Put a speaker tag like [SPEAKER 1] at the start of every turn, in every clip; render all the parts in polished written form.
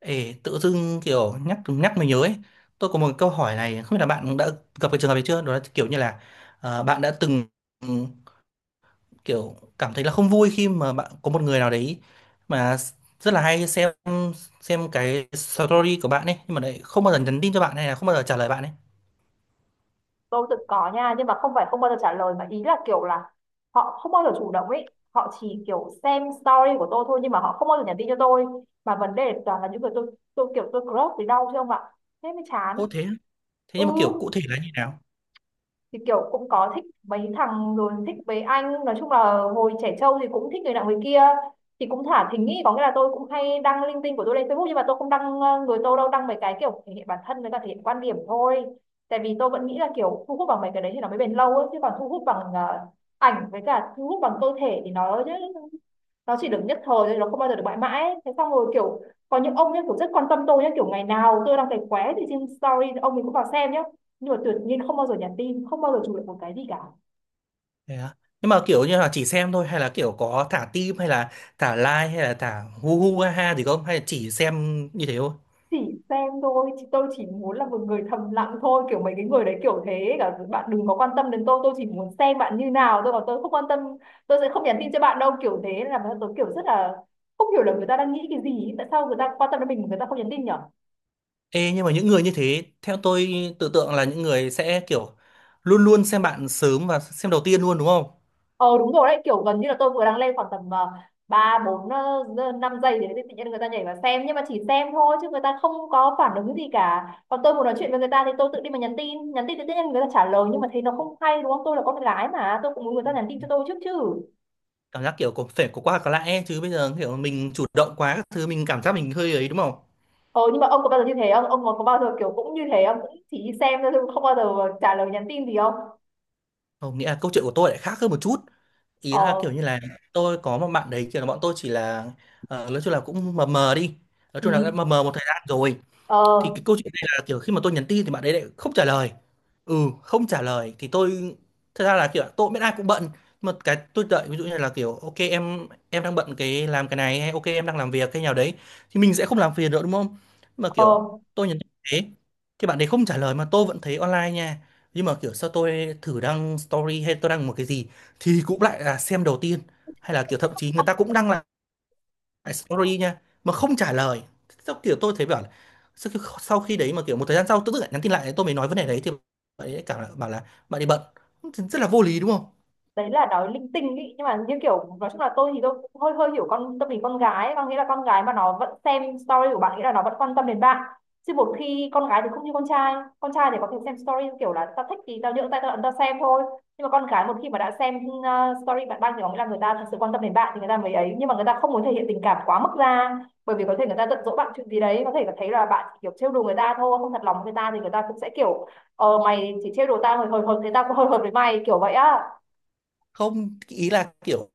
[SPEAKER 1] Ê, tự dưng kiểu nhắc nhắc mình nhớ ấy, tôi có một câu hỏi này không biết là bạn đã gặp cái trường hợp này chưa, đó là kiểu như là bạn đã từng ừm, kiểu cảm thấy là không vui khi mà bạn có một người nào đấy mà rất là hay xem cái story của bạn ấy, nhưng mà lại không bao giờ nhắn tin cho bạn, hay là không bao giờ trả lời bạn ấy.
[SPEAKER 2] Tôi tự có nha, nhưng mà không phải không bao giờ trả lời, mà ý là kiểu là họ không bao giờ chủ động ấy. Họ chỉ kiểu xem story của tôi thôi, nhưng mà họ không bao giờ nhắn tin cho tôi. Mà vấn đề toàn là những người tôi kiểu tôi crush thì đau chứ không ạ. Thế mới chán.
[SPEAKER 1] Ô thế á? Thế
[SPEAKER 2] Ừ,
[SPEAKER 1] nhưng mà kiểu cụ thể là như nào?
[SPEAKER 2] thì kiểu cũng có thích mấy thằng, rồi thích mấy anh, nói chung là hồi trẻ trâu thì cũng thích người nào người kia. Thì cũng thả thính ý, có nghĩa là tôi cũng hay đăng linh tinh của tôi lên Facebook, nhưng mà tôi không đăng người tôi đâu, đăng mấy cái kiểu thể hiện bản thân với cả thể hiện quan điểm thôi. Tại vì tôi vẫn nghĩ là kiểu thu hút bằng mấy cái đấy thì nó mới bền lâu ấy, chứ còn thu hút bằng ảnh với cả thu hút bằng cơ thể thì nó chỉ được nhất thời thôi, nó không bao giờ được mãi mãi. Thế xong rồi kiểu có những ông nhá, kiểu rất quan tâm tôi nhá, kiểu ngày nào tôi đang thấy khóe thì trên story ông mình cũng vào xem nhá. Nhưng mà tuyệt nhiên không bao giờ nhắn tin, không bao giờ chụp được một cái gì cả.
[SPEAKER 1] Thế á? Nhưng mà kiểu như là chỉ xem thôi, hay là kiểu có thả tim, hay là thả like, hay là thả hu hu ha ha gì không, hay là chỉ xem như thế thôi?
[SPEAKER 2] Chỉ xem thôi, tôi chỉ muốn là một người thầm lặng thôi, kiểu mấy cái người đấy kiểu thế, cả bạn đừng có quan tâm đến tôi chỉ muốn xem bạn như nào tôi còn, tôi không quan tâm. Tôi sẽ không nhắn tin cho bạn đâu, kiểu thế. Nên là tôi kiểu rất là không hiểu là người ta đang nghĩ cái gì, tại sao người ta quan tâm đến mình mà người ta không nhắn tin nhở.
[SPEAKER 1] Ê, nhưng mà những người như thế, theo tôi tự tượng là những người sẽ kiểu luôn luôn xem bạn sớm và xem đầu tiên luôn, đúng không?
[SPEAKER 2] Ờ, đúng rồi đấy, kiểu gần như là tôi vừa đang lên khoảng tầm ba bốn năm giây thì tự nhiên người ta nhảy vào xem, nhưng mà chỉ xem thôi chứ người ta không có phản ứng gì cả. Còn tôi muốn nói chuyện với người ta thì tôi tự đi mà nhắn tin. Nhắn tin thì tự nhiên người ta trả lời, nhưng mà thấy nó không hay đúng không? Tôi là con gái mà, tôi cũng muốn người ta nhắn tin cho tôi trước chứ.
[SPEAKER 1] Cảm giác kiểu có phải có qua có lại ấy, chứ bây giờ kiểu mình chủ động quá các thứ mình cảm giác mình hơi ấy, đúng không?
[SPEAKER 2] Ờ nhưng mà ông có bao giờ như thế không? Ông có bao giờ kiểu cũng như thế, ông cũng chỉ đi xem thôi, không bao giờ trả lời nhắn tin gì không?
[SPEAKER 1] Không, nghĩa là câu chuyện của tôi lại khác hơn một chút. Ý là
[SPEAKER 2] Ờ.
[SPEAKER 1] kiểu như là tôi có một bạn đấy, kiểu là bọn tôi chỉ là nói chung là cũng mờ mờ đi. Nói chung là đã
[SPEAKER 2] Ừ.
[SPEAKER 1] mờ mờ một thời gian rồi.
[SPEAKER 2] Ờ.
[SPEAKER 1] Thì cái câu chuyện này là kiểu khi mà tôi nhắn tin thì bạn ấy lại không trả lời, ừ, không trả lời thì tôi, thật ra là kiểu tôi cũng biết ai cũng bận, mà cái tôi đợi ví dụ như là kiểu ok em đang bận cái làm cái này, hay ok em đang làm việc cái nào đấy, thì mình sẽ không làm phiền nữa, đúng không? Mà
[SPEAKER 2] Ờ,
[SPEAKER 1] kiểu tôi nhắn tin thế thì bạn đấy không trả lời mà tôi vẫn thấy online nha, nhưng mà kiểu sao tôi thử đăng story hay tôi đăng một cái gì thì cũng lại là xem đầu tiên, hay là kiểu thậm chí người ta cũng đăng story nha mà không trả lời. Sau kiểu tôi thấy bảo là sau khi đấy mà kiểu một thời gian sau tự dưng lại nhắn tin lại, tôi mới nói vấn đề đấy thì bạn ấy lại cảm bảo là bạn ấy bận, rất là vô lý đúng không?
[SPEAKER 2] đấy là nói linh tinh ý, nhưng mà như kiểu nói chung là tôi thì tôi cũng hơi hơi hiểu con tâm lý con gái ấy. Có nghĩa là con gái mà nó vẫn xem story của bạn nghĩa là nó vẫn quan tâm đến bạn, chứ một khi con gái thì không như con trai. Con trai thì có thể xem story kiểu là tao thích thì tao nhượng tay tao ấn tao xem thôi. Nhưng mà con gái một khi mà đã xem story bạn đăng thì có nghĩa là người ta thật sự quan tâm đến bạn thì người ta mới ấy, nhưng mà người ta không muốn thể hiện tình cảm quá mức ra. Bởi vì có thể người ta giận dỗi bạn chuyện gì đấy, có thể là thấy là bạn chỉ kiểu trêu đùa người ta thôi, không thật lòng với người ta, thì người ta cũng sẽ kiểu mày chỉ trêu đùa tao hồi hồi hồi, thế tao cũng hồi hồi với mày kiểu vậy á.
[SPEAKER 1] Không, ý là kiểu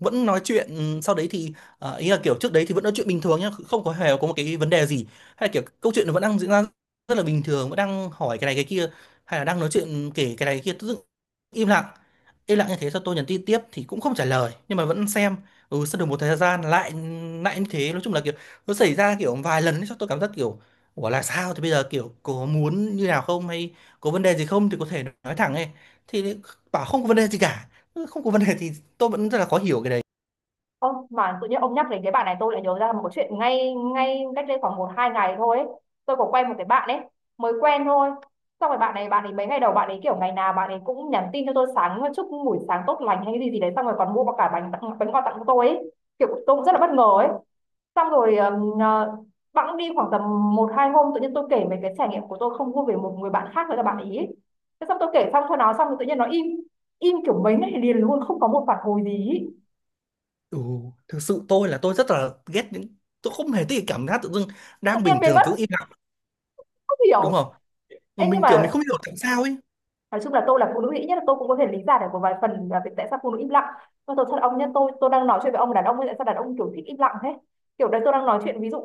[SPEAKER 1] vẫn nói chuyện, ừ, sau đấy thì ý là kiểu trước đấy thì vẫn nói chuyện bình thường nhá, không có hề có một cái vấn đề gì, hay là kiểu câu chuyện nó vẫn đang diễn ra rất là bình thường, vẫn đang hỏi cái này cái kia, hay là đang nói chuyện kể cái này cái kia, tự dưng im lặng. Im lặng như thế sau tôi nhắn tin tiếp thì cũng không trả lời nhưng mà vẫn xem. Ừ, sau được một thời gian lại lại như thế, nói chung là kiểu nó xảy ra kiểu vài lần ấy, sao tôi cảm giác kiểu ủa là sao, thì bây giờ kiểu có muốn như nào không, hay có vấn đề gì không thì có thể nói thẳng ấy, thì bảo không có vấn đề gì cả. Ừ, không có vấn đề thì tôi vẫn rất là khó hiểu cái đấy.
[SPEAKER 2] Ông mà tự nhiên ông nhắc đến cái bạn này tôi lại nhớ ra một cái chuyện ngay ngay cách đây khoảng một hai ngày thôi ấy. Tôi có quen một cái bạn ấy, mới quen thôi, xong rồi bạn này, bạn ấy mấy ngày đầu bạn ấy kiểu ngày nào bạn ấy cũng nhắn tin cho tôi, sáng chúc buổi sáng tốt lành hay cái gì gì đấy, xong rồi còn mua cả bánh, tặng bánh, quà tặng cho tôi ấy. Kiểu tôi cũng rất là bất ngờ ấy. Xong rồi bẵng đi khoảng tầm một hai hôm tự nhiên tôi kể về cái trải nghiệm của tôi không vui về một người bạn khác nữa là bạn ý. Thế xong tôi kể xong cho nó, xong rồi tự nhiên nó im im kiểu mấy ngày liền luôn, không có một phản hồi gì ý.
[SPEAKER 1] Ừ, thực sự tôi là tôi rất là ghét những, tôi không hề thích cái cảm giác tự dưng
[SPEAKER 2] Tự
[SPEAKER 1] đang
[SPEAKER 2] nhiên
[SPEAKER 1] bình
[SPEAKER 2] biến
[SPEAKER 1] thường
[SPEAKER 2] mất.
[SPEAKER 1] tự dưng im lặng,
[SPEAKER 2] Không
[SPEAKER 1] đúng
[SPEAKER 2] hiểu.
[SPEAKER 1] không? Mà
[SPEAKER 2] Ê, nhưng
[SPEAKER 1] mình kiểu mình
[SPEAKER 2] mà
[SPEAKER 1] không hiểu tại sao ấy.
[SPEAKER 2] nói chung là tôi là phụ nữ, ít nhất là tôi cũng có thể lý giải được một vài phần là việc tại sao phụ nữ im lặng. Và tôi thật, ông nhá, tôi đang nói chuyện với ông đàn ông ấy, tại sao đàn ông kiểu thích im lặng thế? Kiểu đấy tôi đang nói chuyện ví dụ,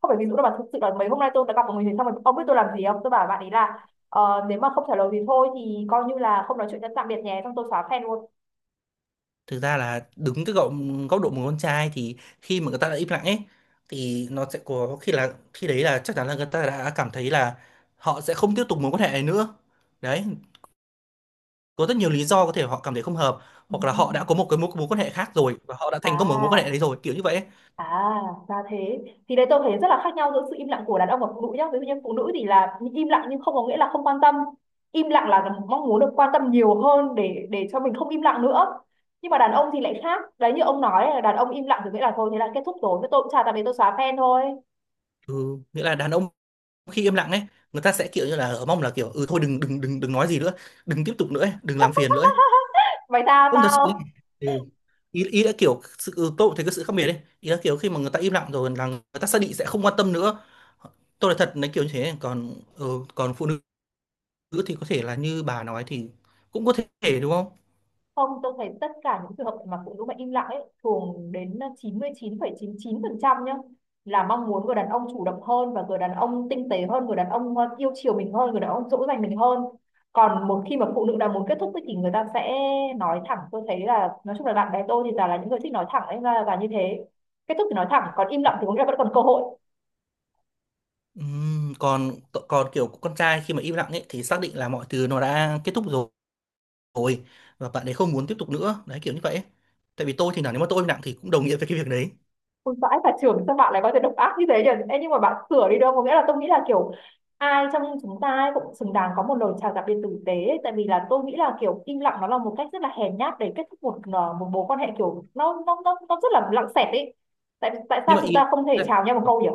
[SPEAKER 2] không phải ví dụ đâu mà thực sự là mấy hôm nay tôi đã gặp một người, xong rồi ông biết tôi làm gì không? Tôi bảo bạn ấy là nếu mà không trả lời thì thôi, thì coi như là không nói chuyện nữa, tạm biệt nhé, xong tôi xóa fan luôn.
[SPEAKER 1] Thực ra là đứng từ góc góc độ một con trai thì khi mà người ta đã im lặng ấy, thì nó sẽ có khi là khi đấy là chắc chắn là người ta đã cảm thấy là họ sẽ không tiếp tục mối quan hệ này nữa. Đấy, có rất nhiều lý do, có thể họ cảm thấy không hợp, hoặc là họ đã có một cái mối mối quan hệ khác rồi và họ đã thành công ở mối quan hệ
[SPEAKER 2] À.
[SPEAKER 1] đấy rồi, kiểu như vậy ấy.
[SPEAKER 2] À, ra thế. Thì đấy tôi thấy rất là khác nhau giữa sự im lặng của đàn ông và phụ nữ nhá. Ví dụ như phụ nữ thì là im lặng nhưng không có nghĩa là không quan tâm. Im lặng là mong muốn được quan tâm nhiều hơn, để cho mình không im lặng nữa. Nhưng mà đàn ông thì lại khác. Đấy, như ông nói là đàn ông im lặng thì nghĩa là thôi thế là kết thúc rồi. Thế tôi cũng chả tạm biệt, tôi xóa fan thôi.
[SPEAKER 1] Ừ, nghĩa là đàn ông khi im lặng ấy, người ta sẽ kiểu như là mong là kiểu ừ thôi đừng đừng đừng đừng nói gì nữa, đừng tiếp tục nữa ấy, đừng làm phiền nữa ấy.
[SPEAKER 2] Mày tao
[SPEAKER 1] Không thật sự ấy.
[SPEAKER 2] tao.
[SPEAKER 1] Ừ. Ý, ý là kiểu sự, ừ, tôi cũng thấy cái sự khác biệt đấy, ý là kiểu khi mà người ta im lặng rồi là người ta xác định sẽ không quan tâm nữa, tôi là thật nói kiểu như thế. Còn, ừ, còn phụ nữ thì có thể là như bà nói thì cũng có thể, đúng không?
[SPEAKER 2] Không, tôi thấy tất cả những trường hợp mà phụ nữ mà im lặng ấy thường đến 99,99% nhá, là mong muốn người đàn ông chủ động hơn và người đàn ông tinh tế hơn, người đàn ông yêu chiều mình hơn, người đàn ông dỗ dành mình hơn. Còn một khi mà phụ nữ đã muốn kết thúc ấy, thì người ta sẽ nói thẳng. Tôi thấy là nói chung là bạn bè tôi thì toàn là những người thích nói thẳng ấy ra là như thế. Kết thúc thì nói thẳng, còn im lặng thì có nghĩa là vẫn còn cơ hội.
[SPEAKER 1] Còn, còn kiểu con trai khi mà im lặng ấy thì xác định là mọi thứ nó đã kết thúc rồi, rồi và bạn ấy không muốn tiếp tục nữa đấy, kiểu như vậy ấy. Tại vì tôi thì là nếu mà tôi im lặng thì cũng đồng nghĩa với cái việc đấy.
[SPEAKER 2] Ôi vãi cả trưởng, sao bạn lại có thể độc ác như thế nhỉ? Ê, nhưng mà bạn sửa đi, đâu có nghĩa là, tôi nghĩ là kiểu ai trong chúng ta ấy cũng xứng đáng có một lời chào tạm biệt tử tế ấy. Tại vì là tôi nghĩ là kiểu im lặng nó là một cách rất là hèn nhát để kết thúc một một mối quan hệ, kiểu nó rất là lặng xẹt ấy, tại tại
[SPEAKER 1] Nhưng
[SPEAKER 2] sao
[SPEAKER 1] mà
[SPEAKER 2] chúng ta không thể
[SPEAKER 1] là,
[SPEAKER 2] chào nhau một câu nhỉ?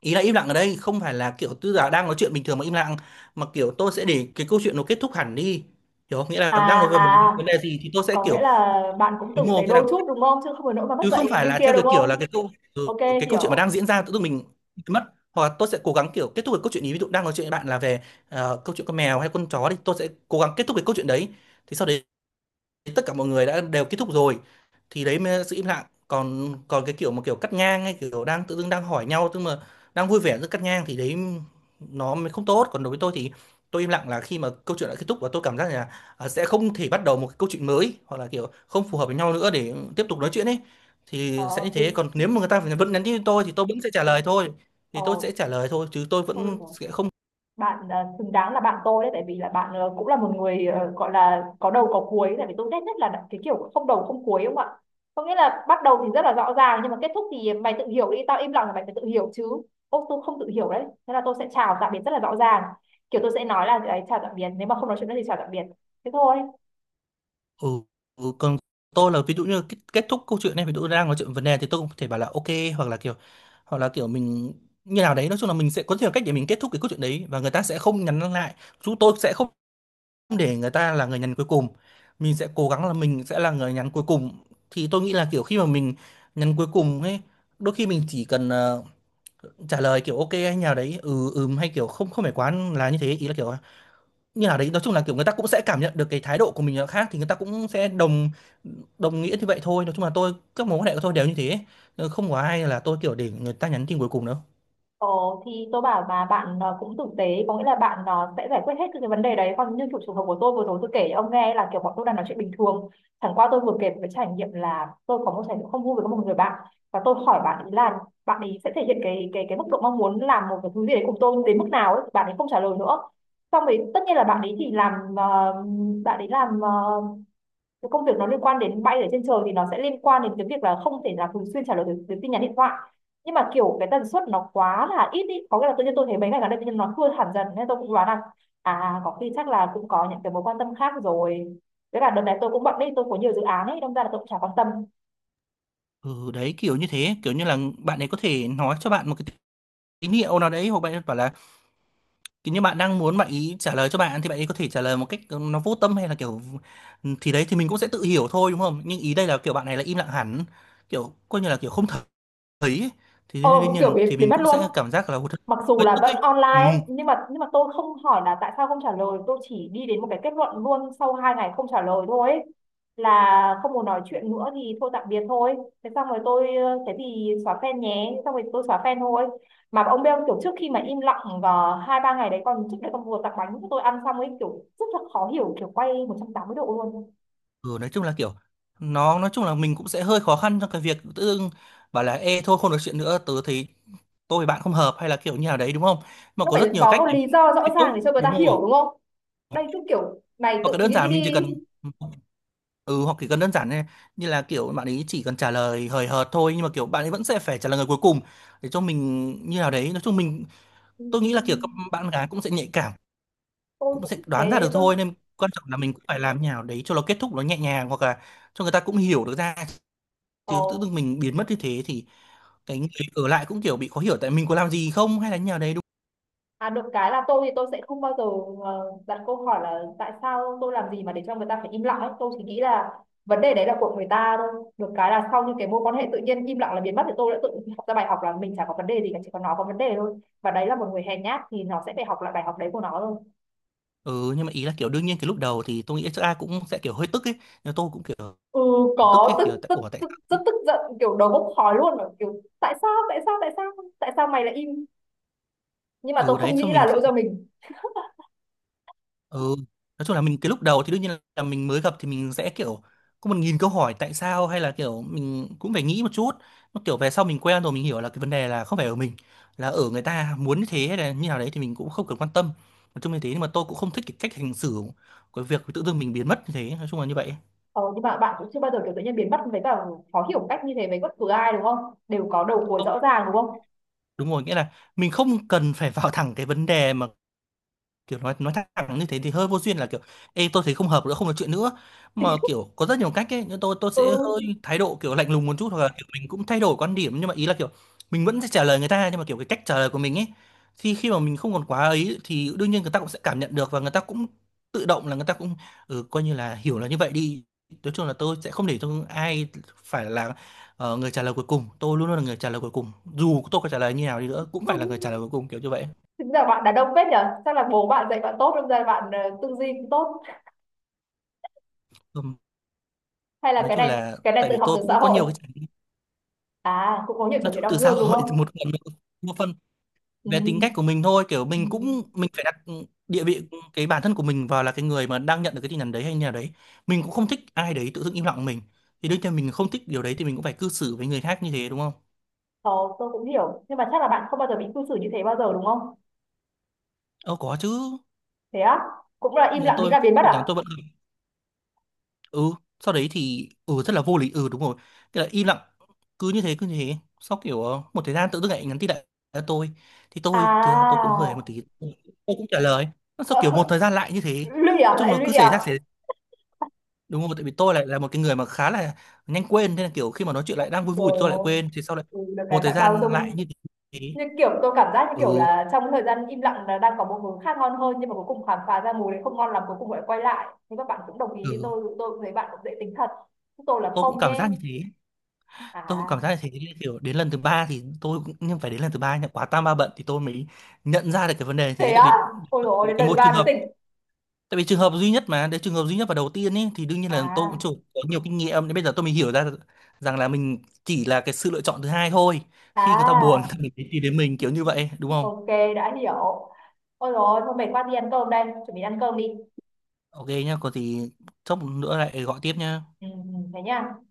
[SPEAKER 1] ý là im lặng ở đây không phải là kiểu tư giả đang nói chuyện bình thường mà im lặng, mà kiểu tôi sẽ để cái câu chuyện nó kết thúc hẳn đi, hiểu không? Nghĩa là
[SPEAKER 2] à
[SPEAKER 1] đang nói về một vấn
[SPEAKER 2] à
[SPEAKER 1] đề gì thì tôi sẽ
[SPEAKER 2] có nghĩa
[SPEAKER 1] kiểu,
[SPEAKER 2] là bạn cũng
[SPEAKER 1] đúng
[SPEAKER 2] tử tế
[SPEAKER 1] không, nghĩa là
[SPEAKER 2] đôi chút đúng không, chứ không phải nỗi mà mất
[SPEAKER 1] chứ không
[SPEAKER 2] dạy
[SPEAKER 1] phải
[SPEAKER 2] như
[SPEAKER 1] là
[SPEAKER 2] kia
[SPEAKER 1] theo cái
[SPEAKER 2] đúng
[SPEAKER 1] kiểu
[SPEAKER 2] không?
[SPEAKER 1] là cái câu, ừ,
[SPEAKER 2] OK.
[SPEAKER 1] cái câu chuyện mà đang
[SPEAKER 2] Hiểu.
[SPEAKER 1] diễn ra tự dưng mình mất, hoặc là tôi sẽ cố gắng kiểu kết thúc cái câu chuyện ý, ví dụ đang nói chuyện với bạn là về câu chuyện con mèo hay con chó đi, tôi sẽ cố gắng kết thúc cái câu chuyện đấy, thì sau đấy tất cả mọi người đã đều kết thúc rồi thì đấy mới là sự im lặng. Còn, còn cái kiểu mà kiểu cắt ngang, hay kiểu đang tự dưng đang hỏi nhau tức mà đang vui vẻ giữa cắt ngang thì đấy nó mới không tốt. Còn đối với tôi thì tôi im lặng là khi mà câu chuyện đã kết thúc và tôi cảm giác là à, sẽ không thể bắt đầu một cái câu chuyện mới hoặc là kiểu không phù hợp với nhau nữa để tiếp tục nói chuyện ấy, thì sẽ như
[SPEAKER 2] ờ thì,
[SPEAKER 1] thế. Còn
[SPEAKER 2] thì
[SPEAKER 1] nếu mà người ta vẫn nhắn tin cho tôi thì tôi vẫn sẽ trả lời thôi,
[SPEAKER 2] ờ
[SPEAKER 1] thì tôi sẽ trả lời thôi, chứ tôi
[SPEAKER 2] thôi được
[SPEAKER 1] vẫn
[SPEAKER 2] rồi,
[SPEAKER 1] sẽ không.
[SPEAKER 2] bạn xứng đáng là bạn tôi đấy, tại vì là bạn cũng là một người gọi là có đầu có cuối, tại vì tôi ghét nhất là cái kiểu không đầu không cuối đúng không ạ. Có nghĩa là bắt đầu thì rất là rõ ràng nhưng mà kết thúc thì mày tự hiểu đi, tao im lặng là mày phải tự hiểu chứ. Ô, tôi không tự hiểu đấy, thế là tôi sẽ chào tạm biệt rất là rõ ràng, kiểu tôi sẽ nói là đấy, chào tạm biệt, nếu mà không nói chuyện nữa thì chào tạm biệt. Thế thôi.
[SPEAKER 1] Ừ, ừ, còn tôi là ví dụ như kết thúc câu chuyện này, ví dụ đang nói chuyện vấn đề thì tôi cũng có thể bảo là ok, hoặc là kiểu hoặc là kiểu mình như nào đấy, nói chung là mình sẽ có nhiều cách để mình kết thúc cái câu chuyện đấy và người ta sẽ không nhắn lại, chúng tôi sẽ không để người ta là người nhắn cuối cùng, mình sẽ cố gắng là mình sẽ là người nhắn cuối cùng. Thì tôi nghĩ là kiểu khi mà mình nhắn cuối cùng ấy, đôi khi mình chỉ cần trả lời kiểu ok hay nào đấy, ừ ừm, hay kiểu không không phải quá là như thế, ý là kiểu như nào đấy, nói chung là kiểu người ta cũng sẽ cảm nhận được cái thái độ của mình là khác, thì người ta cũng sẽ đồng đồng nghĩa như vậy thôi. Nói chung là tôi các mối quan hệ của tôi đều như thế. Ờ, không có ai là tôi kiểu để người ta nhắn tin cuối cùng đâu.
[SPEAKER 2] Ồ, thì tôi bảo mà bạn cũng tử tế, có nghĩa là bạn sẽ giải quyết hết cái vấn đề đấy. Còn như kiểu trường hợp của tôi vừa rồi tôi kể cho ông nghe là kiểu bọn tôi đang nói chuyện bình thường, chẳng qua tôi vừa kể một cái trải nghiệm là tôi có một trải nghiệm không vui với một người bạn, và tôi hỏi bạn ấy là bạn ấy sẽ thể hiện cái mức độ mong muốn làm một cái thứ gì đấy cùng tôi đến mức nào ấy, bạn ấy không trả lời nữa. Xong rồi tất nhiên là bạn ấy làm cái công việc nó liên quan đến bay ở trên trời thì nó sẽ liên quan đến cái việc là không thể là thường xuyên trả lời được được tin nhắn điện thoại. Nhưng mà kiểu cái tần suất nó quá là ít ý, có nghĩa là tự nhiên tôi thấy mấy ngày gần đây tự nhiên nó thưa hẳn dần, nên tôi cũng đoán là à có khi chắc là cũng có những cái mối quan tâm khác rồi, với là đợt này tôi cũng bận đi, tôi có nhiều dự án ấy đâm ra là tôi cũng chả quan tâm.
[SPEAKER 1] Ừ, đấy kiểu như thế, kiểu như là bạn ấy có thể nói cho bạn một cái tín hiệu nào đấy, hoặc bạn ấy bảo là kiểu như bạn đang muốn bạn ý trả lời cho bạn thì bạn ấy có thể trả lời một cách nó vô tâm hay là kiểu, ừ, thì đấy thì mình cũng sẽ tự hiểu thôi đúng không, nhưng ý đây là kiểu bạn này là im lặng hẳn, kiểu coi như là kiểu không thấy ấy. Thì
[SPEAKER 2] ờ
[SPEAKER 1] đương nhiên
[SPEAKER 2] Kiểu
[SPEAKER 1] là
[SPEAKER 2] bị
[SPEAKER 1] thì
[SPEAKER 2] bị
[SPEAKER 1] mình
[SPEAKER 2] mất
[SPEAKER 1] cũng
[SPEAKER 2] luôn,
[SPEAKER 1] sẽ cảm giác là hụt
[SPEAKER 2] mặc dù
[SPEAKER 1] hơi
[SPEAKER 2] là
[SPEAKER 1] tức ấy.
[SPEAKER 2] vẫn
[SPEAKER 1] Ừ.
[SPEAKER 2] online ấy, nhưng mà tôi không hỏi là tại sao không trả lời, tôi chỉ đi đến một cái kết luận luôn sau 2 ngày không trả lời thôi ấy, là không muốn nói chuyện nữa thì thôi tạm biệt thôi. Thế xong rồi tôi thế thì xóa fan nhé, xong rồi tôi xóa fan thôi. Mà ông beo kiểu trước khi mà im lặng vào 2-3 ngày đấy, còn trước đấy còn vừa tặng bánh cho tôi ăn xong ấy, kiểu rất là khó hiểu, kiểu quay 180 độ luôn.
[SPEAKER 1] Ừ, nói chung là kiểu nó nói chung là mình cũng sẽ hơi khó khăn trong cái việc tự dưng bảo là ê thôi không được chuyện nữa, tớ thấy tôi với bạn không hợp hay là kiểu như nào đấy, đúng không? Mà
[SPEAKER 2] Nó
[SPEAKER 1] có
[SPEAKER 2] phải
[SPEAKER 1] rất nhiều
[SPEAKER 2] có
[SPEAKER 1] cách
[SPEAKER 2] một
[SPEAKER 1] để mình
[SPEAKER 2] lý do rõ
[SPEAKER 1] kết thúc,
[SPEAKER 2] ràng để cho người ta
[SPEAKER 1] đúng
[SPEAKER 2] hiểu
[SPEAKER 1] không?
[SPEAKER 2] đúng không? Đây cứ kiểu mày
[SPEAKER 1] Hoặc
[SPEAKER 2] tự
[SPEAKER 1] là đơn
[SPEAKER 2] nghĩ
[SPEAKER 1] giản mình chỉ
[SPEAKER 2] đi.
[SPEAKER 1] cần, ừ, hoặc chỉ cần đơn giản như, như là kiểu bạn ấy chỉ cần trả lời hời hợt thôi, nhưng mà kiểu bạn ấy vẫn sẽ phải trả lời người cuối cùng để cho mình như nào đấy. Nói chung mình,
[SPEAKER 2] Ừ,
[SPEAKER 1] tôi nghĩ là kiểu các bạn gái cũng sẽ nhạy cảm,
[SPEAKER 2] tôi
[SPEAKER 1] cũng sẽ
[SPEAKER 2] cũng
[SPEAKER 1] đoán ra
[SPEAKER 2] thế
[SPEAKER 1] được
[SPEAKER 2] tôi.
[SPEAKER 1] thôi, nên quan trọng là mình cũng phải làm như nào đấy cho nó kết thúc nó nhẹ nhàng, hoặc là cho người ta cũng hiểu được ra.
[SPEAKER 2] Ờ.
[SPEAKER 1] Chứ tự dưng mình biến mất như thế thì cái người ở lại cũng kiểu bị khó hiểu, tại mình có làm gì không hay là như nào đấy, đúng
[SPEAKER 2] À, được cái là tôi thì tôi sẽ không bao giờ đặt câu hỏi là tại sao tôi làm gì mà để cho người ta phải im lặng ấy. Tôi chỉ nghĩ là vấn đề đấy là của người ta thôi. Được cái là sau những cái mối quan hệ tự nhiên im lặng là biến mất thì tôi đã tự học ra bài học là mình chả có vấn đề gì cả, chỉ có nó có vấn đề thôi. Và đấy là một người hèn nhát thì nó sẽ phải học lại bài học đấy của nó thôi.
[SPEAKER 1] không? Ừ, nhưng mà ý là kiểu đương nhiên cái lúc đầu thì tôi nghĩ chắc ai cũng sẽ kiểu hơi tức ấy, nhưng tôi cũng kiểu
[SPEAKER 2] Ừ,
[SPEAKER 1] tức
[SPEAKER 2] có
[SPEAKER 1] ấy,
[SPEAKER 2] tức
[SPEAKER 1] kiểu tại
[SPEAKER 2] tức
[SPEAKER 1] ủa tại
[SPEAKER 2] tức rất
[SPEAKER 1] sao.
[SPEAKER 2] tức giận, kiểu đầu bốc khói luôn, kiểu tại sao tại sao tại sao, tại sao mày lại im, nhưng mà tôi
[SPEAKER 1] Ừ, đấy
[SPEAKER 2] không
[SPEAKER 1] cho
[SPEAKER 2] nghĩ là
[SPEAKER 1] mình.
[SPEAKER 2] lỗi do mình.
[SPEAKER 1] Ừ, nói chung là mình cái lúc đầu thì đương nhiên là mình mới gặp thì mình sẽ kiểu có 1.000 câu hỏi tại sao hay là kiểu mình cũng phải nghĩ một chút. Nó kiểu về sau mình quen rồi mình hiểu là cái vấn đề là không phải ở mình, là ở người ta muốn như thế hay là như nào đấy thì mình cũng không cần quan tâm. Nói chung như thế, nhưng mà tôi cũng không thích cái cách hành xử của việc tự dưng mình biến mất như thế, nói chung là như vậy.
[SPEAKER 2] Ờ, nhưng mà bạn cũng chưa bao giờ kiểu tự nhiên biến mất với cả khó hiểu một cách như thế với bất cứ ai đúng không? Đều có đầu cuối
[SPEAKER 1] Không,
[SPEAKER 2] rõ ràng đúng không?
[SPEAKER 1] đúng rồi, nghĩa là mình không cần phải vào thẳng cái vấn đề mà. Kiểu nói thẳng như thế thì hơi vô duyên, là kiểu ê tôi thấy không hợp nữa, không nói chuyện nữa. Mà kiểu có rất nhiều cách ấy, nhưng tôi
[SPEAKER 2] Ừ.
[SPEAKER 1] sẽ hơi thái độ kiểu lạnh lùng một chút, hoặc là kiểu mình cũng thay đổi quan điểm, nhưng mà ý là kiểu mình vẫn sẽ trả lời người ta, nhưng mà kiểu cái cách trả lời của mình ấy thì khi mà mình không còn quá ấy thì đương nhiên người ta cũng sẽ cảm nhận được, và người ta cũng tự động là người ta cũng, ừ, coi như là hiểu là như vậy đi. Nói chung là tôi sẽ không để cho ai phải là, ờ, người trả lời cuối cùng. Tôi luôn luôn là người trả lời cuối cùng. Dù tôi có trả lời như nào đi nữa cũng phải là người trả lời cuối cùng kiểu như vậy.
[SPEAKER 2] Thực ra bạn đàn ông phết nhở? Chắc là bố bạn dạy bạn tốt đâm ra bạn tư duy cũng tốt. Hay là
[SPEAKER 1] Nói
[SPEAKER 2] cái
[SPEAKER 1] chung
[SPEAKER 2] này
[SPEAKER 1] là
[SPEAKER 2] cái này
[SPEAKER 1] tại
[SPEAKER 2] tự
[SPEAKER 1] vì
[SPEAKER 2] học
[SPEAKER 1] tôi
[SPEAKER 2] từ
[SPEAKER 1] cũng
[SPEAKER 2] xã
[SPEAKER 1] có
[SPEAKER 2] hội.
[SPEAKER 1] nhiều cái trải nghiệm,
[SPEAKER 2] À, cũng có nhiều
[SPEAKER 1] nói
[SPEAKER 2] trải nghiệm
[SPEAKER 1] chung
[SPEAKER 2] đau
[SPEAKER 1] từ xã
[SPEAKER 2] thương đúng
[SPEAKER 1] hội
[SPEAKER 2] không?
[SPEAKER 1] một phần, một phần
[SPEAKER 2] Ừ.
[SPEAKER 1] về tính cách của mình thôi. Kiểu
[SPEAKER 2] Ừ.
[SPEAKER 1] mình cũng mình phải đặt địa vị cái bản thân của mình vào là cái người mà đang nhận được cái tin nhắn đấy hay như nào đấy. Mình cũng không thích ai đấy tự dưng im lặng mình, thì đương nhiên mình không thích điều đấy thì mình cũng phải cư xử với người khác như thế, đúng không?
[SPEAKER 2] Ờ, tôi cũng hiểu. Nhưng mà chắc là bạn không bao giờ bị cư xử như thế bao giờ đúng không?
[SPEAKER 1] Ờ, có chứ.
[SPEAKER 2] Thế á? Cũng là im
[SPEAKER 1] Nhà
[SPEAKER 2] lặng nghĩ
[SPEAKER 1] tôi
[SPEAKER 2] là biến mất
[SPEAKER 1] tin nhắn
[SPEAKER 2] à?
[SPEAKER 1] tôi vẫn, ừ, sau đấy thì ừ rất là vô lý. Ừ, đúng rồi, thế là im lặng. Cứ như thế sau kiểu ờ, một thời gian tự dưng lại nhắn tin lại cho tôi. Thì tôi thực ra tôi cũng hơi một
[SPEAKER 2] À,
[SPEAKER 1] tí, tôi cũng trả lời. Nó sau kiểu một
[SPEAKER 2] ờ,
[SPEAKER 1] thời gian lại như thế.
[SPEAKER 2] lụy à?
[SPEAKER 1] Nói chung
[SPEAKER 2] Lại
[SPEAKER 1] là cứ
[SPEAKER 2] lụy
[SPEAKER 1] xảy
[SPEAKER 2] à?
[SPEAKER 1] ra xảy, đúng rồi, tại vì tôi lại là một cái người mà khá là nhanh quên, nên là kiểu khi mà nói chuyện lại đang vui vui thì
[SPEAKER 2] Rồi,
[SPEAKER 1] tôi lại quên, thì sau lại
[SPEAKER 2] ừ, được
[SPEAKER 1] một
[SPEAKER 2] cái
[SPEAKER 1] thời
[SPEAKER 2] bạn bao
[SPEAKER 1] gian lại
[SPEAKER 2] dung,
[SPEAKER 1] như thế.
[SPEAKER 2] như kiểu tôi cảm giác như kiểu
[SPEAKER 1] Ừ.
[SPEAKER 2] là trong thời gian im lặng là đang có một hướng khác ngon hơn nhưng mà cuối cùng khám phá ra mùi đấy không ngon lắm, cuối cùng lại quay lại, nhưng các bạn cũng đồng ý với
[SPEAKER 1] Ừ,
[SPEAKER 2] tôi cũng thấy bạn cũng dễ tính thật. Chúng tôi là
[SPEAKER 1] tôi cũng
[SPEAKER 2] không
[SPEAKER 1] cảm giác
[SPEAKER 2] nhé.
[SPEAKER 1] như thế. Tôi cũng cảm giác
[SPEAKER 2] À,
[SPEAKER 1] là thế. Kiểu đến lần thứ ba thì tôi cũng, nhưng phải đến lần thứ ba nhá, quá tam ba bận thì tôi mới nhận ra được cái vấn đề thế.
[SPEAKER 2] thế
[SPEAKER 1] Tại
[SPEAKER 2] á.
[SPEAKER 1] vì
[SPEAKER 2] Ôi dồi ôi, đến
[SPEAKER 1] cái
[SPEAKER 2] lần thứ
[SPEAKER 1] một
[SPEAKER 2] ba
[SPEAKER 1] trường
[SPEAKER 2] mới
[SPEAKER 1] hợp,
[SPEAKER 2] tỉnh
[SPEAKER 1] tại vì trường hợp duy nhất mà đấy, trường hợp duy nhất và đầu tiên ấy, thì đương nhiên là tôi cũng
[SPEAKER 2] à?
[SPEAKER 1] chủ có nhiều kinh nghiệm nên bây giờ tôi mới hiểu ra rằng là mình chỉ là cái sự lựa chọn thứ hai thôi, khi người ta buồn
[SPEAKER 2] À,
[SPEAKER 1] thì người ta mới tìm đến mình kiểu như vậy, đúng không?
[SPEAKER 2] ok, đã hiểu. Ôi dồi ôi, thôi mệt quá, đi ăn cơm đây, chuẩn bị ăn cơm đi.
[SPEAKER 1] Ok nhá, có gì chốc nữa lại gọi tiếp nhá.
[SPEAKER 2] Ừ, ừ, thế nhá.